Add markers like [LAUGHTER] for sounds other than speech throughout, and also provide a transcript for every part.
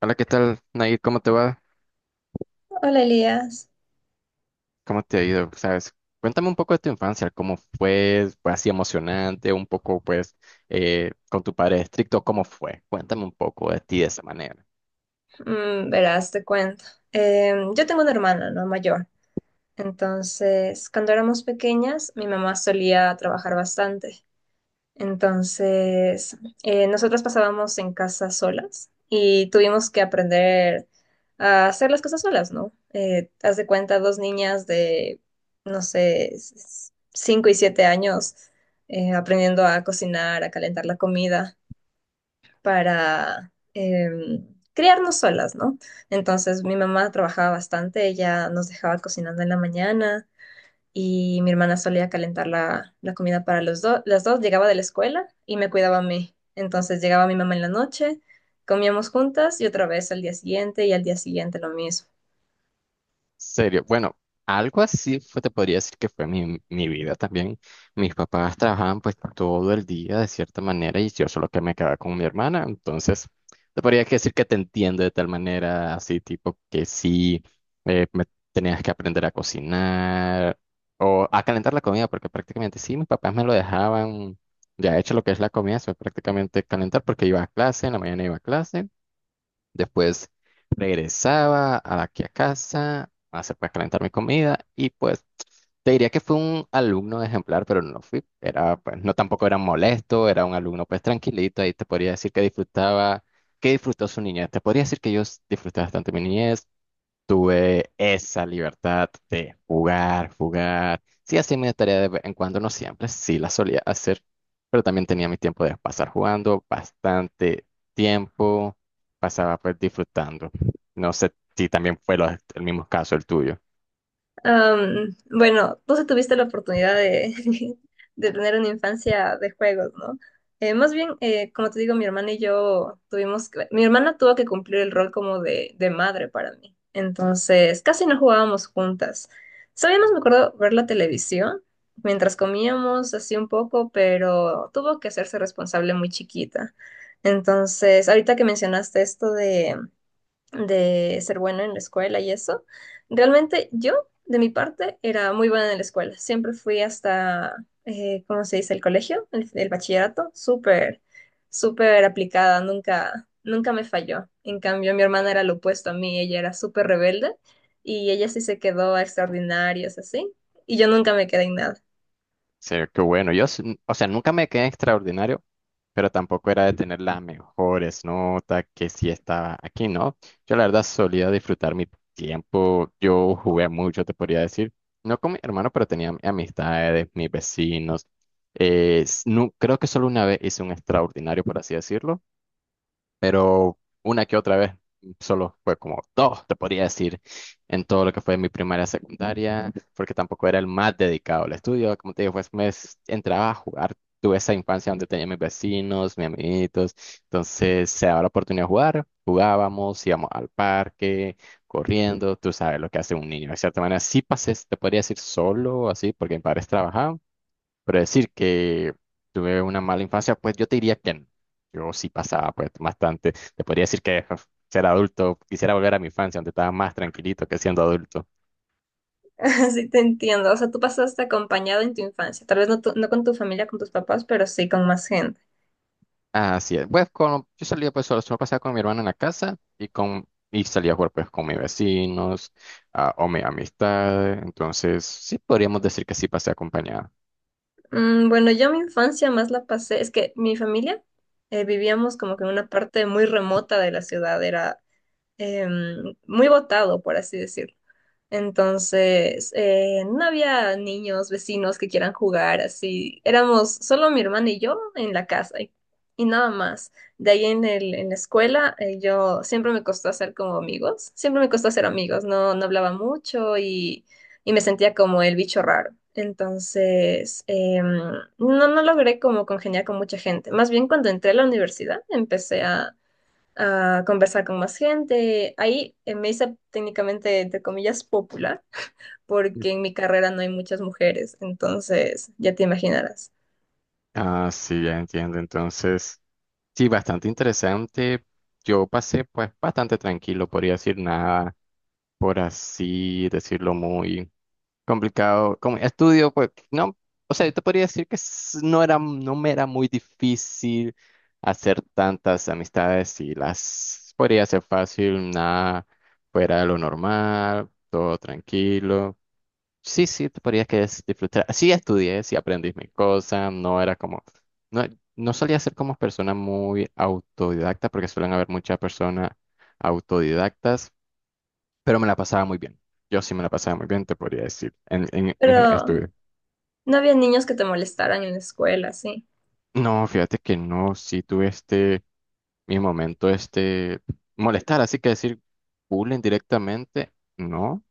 Hola, ¿qué tal, Nair? ¿Cómo te va? Hola Elías. ¿Cómo te ha ido? ¿Sabes? Cuéntame un poco de tu infancia, cómo fue, fue así emocionante, un poco pues con tu padre estricto, ¿cómo fue? Cuéntame un poco de ti de esa manera. Verás, te cuento. Yo tengo una hermana, ¿no? Mayor. Entonces, cuando éramos pequeñas, mi mamá solía trabajar bastante. Entonces, nosotras pasábamos en casa solas y tuvimos que aprender a hacer las cosas solas, ¿no? Haz de cuenta, dos niñas de, no sé, 5 y 7 años, aprendiendo a cocinar, a calentar la comida, para criarnos solas, ¿no? Entonces mi mamá trabajaba bastante, ella nos dejaba cocinando en la mañana y mi hermana solía calentar la comida para los dos. Las dos llegaba de la escuela y me cuidaba a mí. Entonces llegaba mi mamá en la noche, comíamos juntas y otra vez al día siguiente y al día siguiente lo mismo. Serio, bueno, algo así fue, te podría decir que fue mi vida también. Mis papás trabajaban pues todo el día de cierta manera y yo solo que me quedaba con mi hermana, entonces te podría que decir que te entiendo de tal manera, así tipo que sí, me tenías que aprender a cocinar o a calentar la comida, porque prácticamente sí, mis papás me lo dejaban ya hecho lo que es la comida, eso es prácticamente calentar porque iba a clase, en la mañana iba a clase. Después regresaba a aquí a casa a hacer pues calentar mi comida y pues te diría que fue un alumno ejemplar, pero no lo fui, era pues no tampoco era molesto, era un alumno pues tranquilito, ahí te podría decir que disfrutaba, que disfrutó su niñez, te podría decir que yo disfruté bastante mi niñez, tuve esa libertad de jugar, jugar. Sí, hacía mi tarea de vez en cuando, no siempre, sí la solía hacer, pero también tenía mi tiempo de pasar jugando, bastante tiempo, pasaba pues disfrutando. No sé si también fue el mismo caso el tuyo. Bueno, tú sí tuviste la oportunidad de, [LAUGHS] de tener una infancia de juegos, ¿no? Más bien, como te digo, mi hermana y yo tuvimos, mi hermana tuvo que cumplir el rol como de madre para mí. Entonces, casi no jugábamos juntas. Sabíamos, me acuerdo, ver la televisión mientras comíamos así un poco, pero tuvo que hacerse responsable muy chiquita. Entonces, ahorita que mencionaste esto de ser buena en la escuela y eso. Realmente yo, de mi parte, era muy buena en la escuela. Siempre fui hasta, ¿cómo se dice? El colegio, el bachillerato, súper, súper aplicada, nunca, nunca me falló. En cambio, mi hermana era lo opuesto a mí, ella era súper rebelde y ella sí se quedó a extraordinarios, así, y yo nunca me quedé en nada. Sí, qué bueno. Yo, o sea, nunca me quedé extraordinario, pero tampoco era de tener las mejores notas que si estaba aquí, ¿no? Yo la verdad solía disfrutar mi tiempo. Yo jugué mucho, te podría decir. No con mi hermano, pero tenía amistades, mis vecinos. Creo que solo una vez hice un extraordinario, por así decirlo, pero una que otra vez, solo fue como dos, te podría decir, en todo lo que fue mi primaria, secundaria, porque tampoco era el más dedicado al estudio, como te digo, pues entraba a jugar, tuve esa infancia donde tenía mis vecinos, mis amiguitos, entonces se daba la oportunidad de jugar, jugábamos, íbamos al parque, corriendo, tú sabes lo que hace un niño, de cierta manera, sí pasé, te podría decir solo, así, porque mis padres trabajaban, pero decir que tuve una mala infancia, pues yo te diría que no. Yo sí pasaba pues bastante. Te podría decir que uf, ser adulto, quisiera volver a mi infancia, donde estaba más tranquilito que siendo adulto. [LAUGHS] Así te entiendo. O sea, tú pasaste acompañado en tu infancia. Tal vez no, no con tu familia, con tus papás, pero sí con más gente. Así es. Pues con, yo salía pues solo, solo pasaba con mi hermana en la casa y con y salía a jugar pues con mis vecinos, ah, o mi amistad. Entonces, sí podríamos decir que sí pasé acompañado. Bueno, yo mi infancia más la pasé, es que mi familia, vivíamos como que en una parte muy remota de la ciudad, era muy botado, por así decirlo. Entonces, no había niños, vecinos que quieran jugar así. Éramos solo mi hermana y yo en la casa y nada más. De ahí en el, en la escuela, yo siempre me costó hacer como amigos. Siempre me costó hacer amigos. No, no hablaba mucho y me sentía como el bicho raro. Entonces, no, no logré como congeniar con mucha gente. Más bien cuando entré a la universidad, empecé a conversar con más gente. Ahí me hice técnicamente, entre comillas, popular, porque en mi carrera no hay muchas mujeres, entonces ya te imaginarás. Ah, sí, ya entiendo. Entonces, sí, bastante interesante. Yo pasé pues bastante tranquilo, podría decir nada, por así decirlo, muy complicado. Como estudio, pues, no, o sea, yo te podría decir que no era, no me era muy difícil hacer tantas amistades y las podría hacer fácil, nada fuera de lo normal, todo tranquilo. Sí, sí, te podría que es disfrutar. Sí estudié, sí aprendí mis cosas, no era como, no, no solía ser como persona muy autodidacta porque suelen haber muchas personas autodidactas, pero me la pasaba muy bien. Yo sí me la pasaba muy bien, te podría decir, en Pero estudio. no había niños que te molestaran en la escuela, sí. No, fíjate que no, sí tuve este, mi momento, este, molestar, así que decir bullying directamente, no,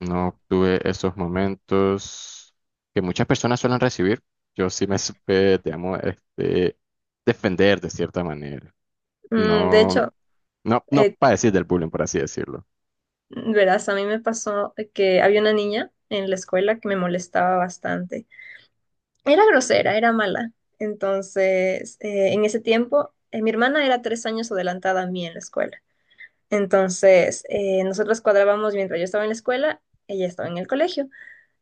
no tuve esos momentos que muchas personas suelen recibir. Yo sí me supe, digamos, este, defender de cierta manera. De No, hecho, no, no eh, padecí del bullying, por así decirlo. verás, a mí me pasó que había una niña en la escuela que me molestaba bastante. Era grosera, era mala. Entonces, en ese tiempo, mi hermana era 3 años adelantada a mí en la escuela. Entonces, nosotros cuadrábamos mientras yo estaba en la escuela, ella estaba en el colegio.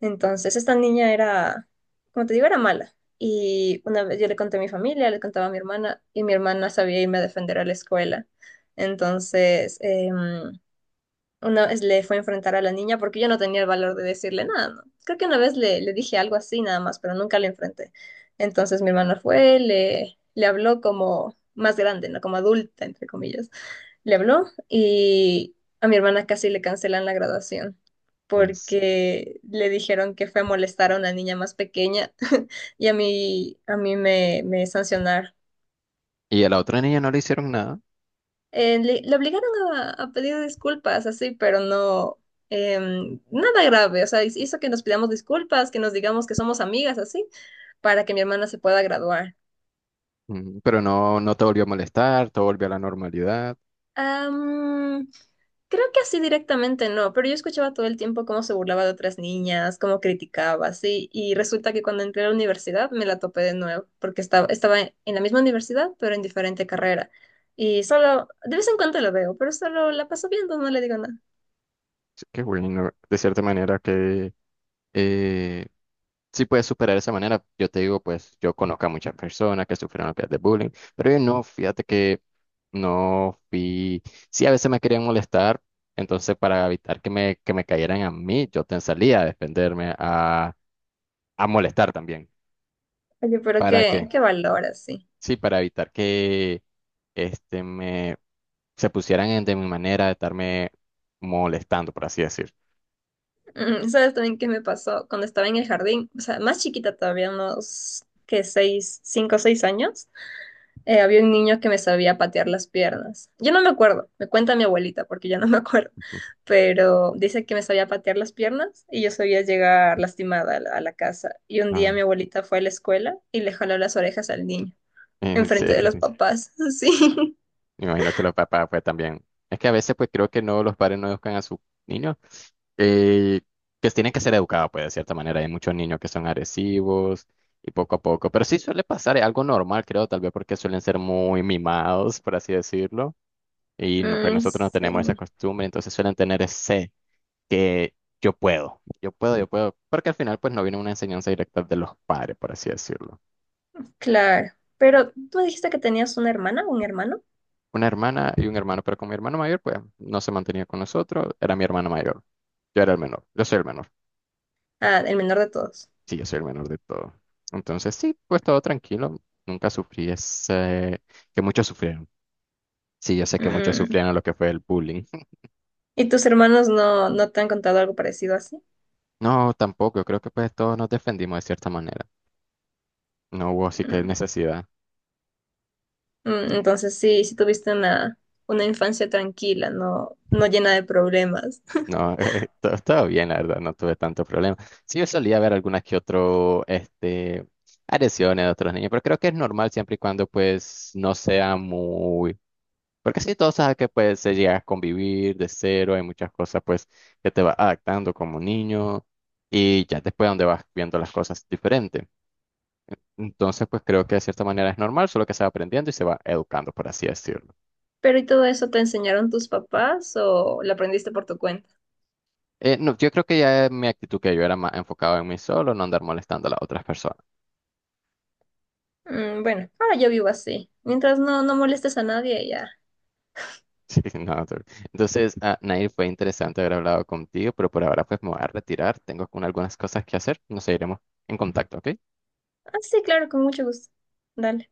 Entonces, esta niña era, como te digo, era mala. Y una vez yo le conté a mi familia, le contaba a mi hermana, y mi hermana sabía irme a defender a la escuela. Entonces, una vez le fue a enfrentar a la niña porque yo no tenía el valor de decirle nada, ¿no? Creo que una vez le dije algo así nada más, pero nunca le enfrenté. Entonces, mi hermana fue, le habló como más grande, ¿no? Como adulta, entre comillas, le habló y a mi hermana casi le cancelan la graduación Es- porque le dijeron que fue a molestar a una niña más pequeña [LAUGHS] y a mí, me sancionaron. Y a la otra niña no le hicieron nada. Le obligaron a pedir disculpas, así, pero no, nada grave, o sea, hizo que nos pidamos disculpas, que nos digamos que somos amigas, así, para que mi hermana se pueda graduar. Mm, pero no, no te volvió a molestar, todo volvió a la normalidad. Am, Creo que así directamente no, pero yo escuchaba todo el tiempo cómo se burlaba de otras niñas, cómo criticaba, así, y resulta que cuando entré a la universidad me la topé de nuevo, porque estaba en la misma universidad, pero en diferente carrera. Y solo, de vez en cuando la veo, pero solo la paso viendo, no le digo nada. Sí, qué bueno, de cierta manera que eh, sí puedes superar de esa manera. Yo te digo, pues yo conozco a muchas personas que sufrieron de bullying, pero yo no, fíjate que no fui. Sí, a veces me querían molestar, entonces para evitar que me cayeran a mí, yo te salía a defenderme, a molestar también. Oye, pero ¿Para qué, qué? qué valor así. Sí, para evitar que este me se pusieran de mi manera de estarme molestando, por así decir. ¿Sabes también qué me pasó? Cuando estaba en el jardín, o sea, más chiquita todavía, unos, que 6, 5 o 6 años, había un niño que me sabía patear las piernas. Yo no me acuerdo, me cuenta mi abuelita porque yo no me acuerdo, Ujú. pero dice que me sabía patear las piernas y yo sabía llegar lastimada a a la casa. Y un día Ah, mi [LAUGHS] abuelita fue a la escuela y le jaló las orejas al niño, en enfrente de serio. los papás. [LAUGHS] Sí. Me imagino que los papás pues también. Es que a veces pues creo que no los padres no educan a sus niños, eh, que tienen que ser educados pues de cierta manera. Hay muchos niños que son agresivos y poco a poco. Pero sí suele pasar, es algo normal creo, tal vez porque suelen ser muy mimados, por así decirlo. Y pues Mm, nosotros no tenemos esa sí, costumbre, entonces suelen tener ese que yo puedo, yo puedo, yo puedo, porque al final pues no viene una enseñanza directa de los padres, por así decirlo. claro. Pero tú dijiste que tenías una hermana, un hermano, Una hermana y un hermano, pero con mi hermano mayor pues no se mantenía con nosotros, era mi hermano mayor, yo era el menor, yo soy el menor, ah, el menor de todos. sí, yo soy el menor de todo. Entonces sí, pues todo tranquilo, nunca sufrí ese, que muchos sufrieron. Sí, yo sé que muchos Mm, sufrieron lo que fue el bullying. [LAUGHS] ¿y tus hermanos no, no te han contado algo parecido así? No, tampoco, yo creo que pues todos nos defendimos de cierta manera. No hubo así que Mm. necesidad. Mm, entonces sí, sí tuviste una infancia tranquila, no, no llena de problemas. No, [LAUGHS] todo, todo bien, la verdad, no tuve tanto problema. Sí, yo solía ver algunas que otro, este, agresiones de otros niños, pero creo que es normal siempre y cuando, pues, no sea muy... Porque sí, todos saben que, pues, se llega a convivir de cero, hay muchas cosas, pues, que te vas adaptando como niño y ya después donde vas viendo las cosas diferente. Entonces, pues, creo que de cierta manera es normal, solo que se va aprendiendo y se va educando, por así decirlo. Pero ¿y todo eso te enseñaron tus papás o lo aprendiste por tu cuenta? No, yo creo que ya mi actitud que yo era más enfocado en mí solo, no andar molestando a las otras personas. Mm, bueno, ahora yo vivo así. Mientras no, no molestes a nadie, ya. Sí, [LAUGHS] no, entonces, ah, Nair, fue interesante haber hablado contigo, pero por ahora pues me voy a retirar. Tengo con algunas cosas que hacer. Nos seguiremos en contacto, ¿ok? Ah, sí, claro, con mucho gusto. Dale.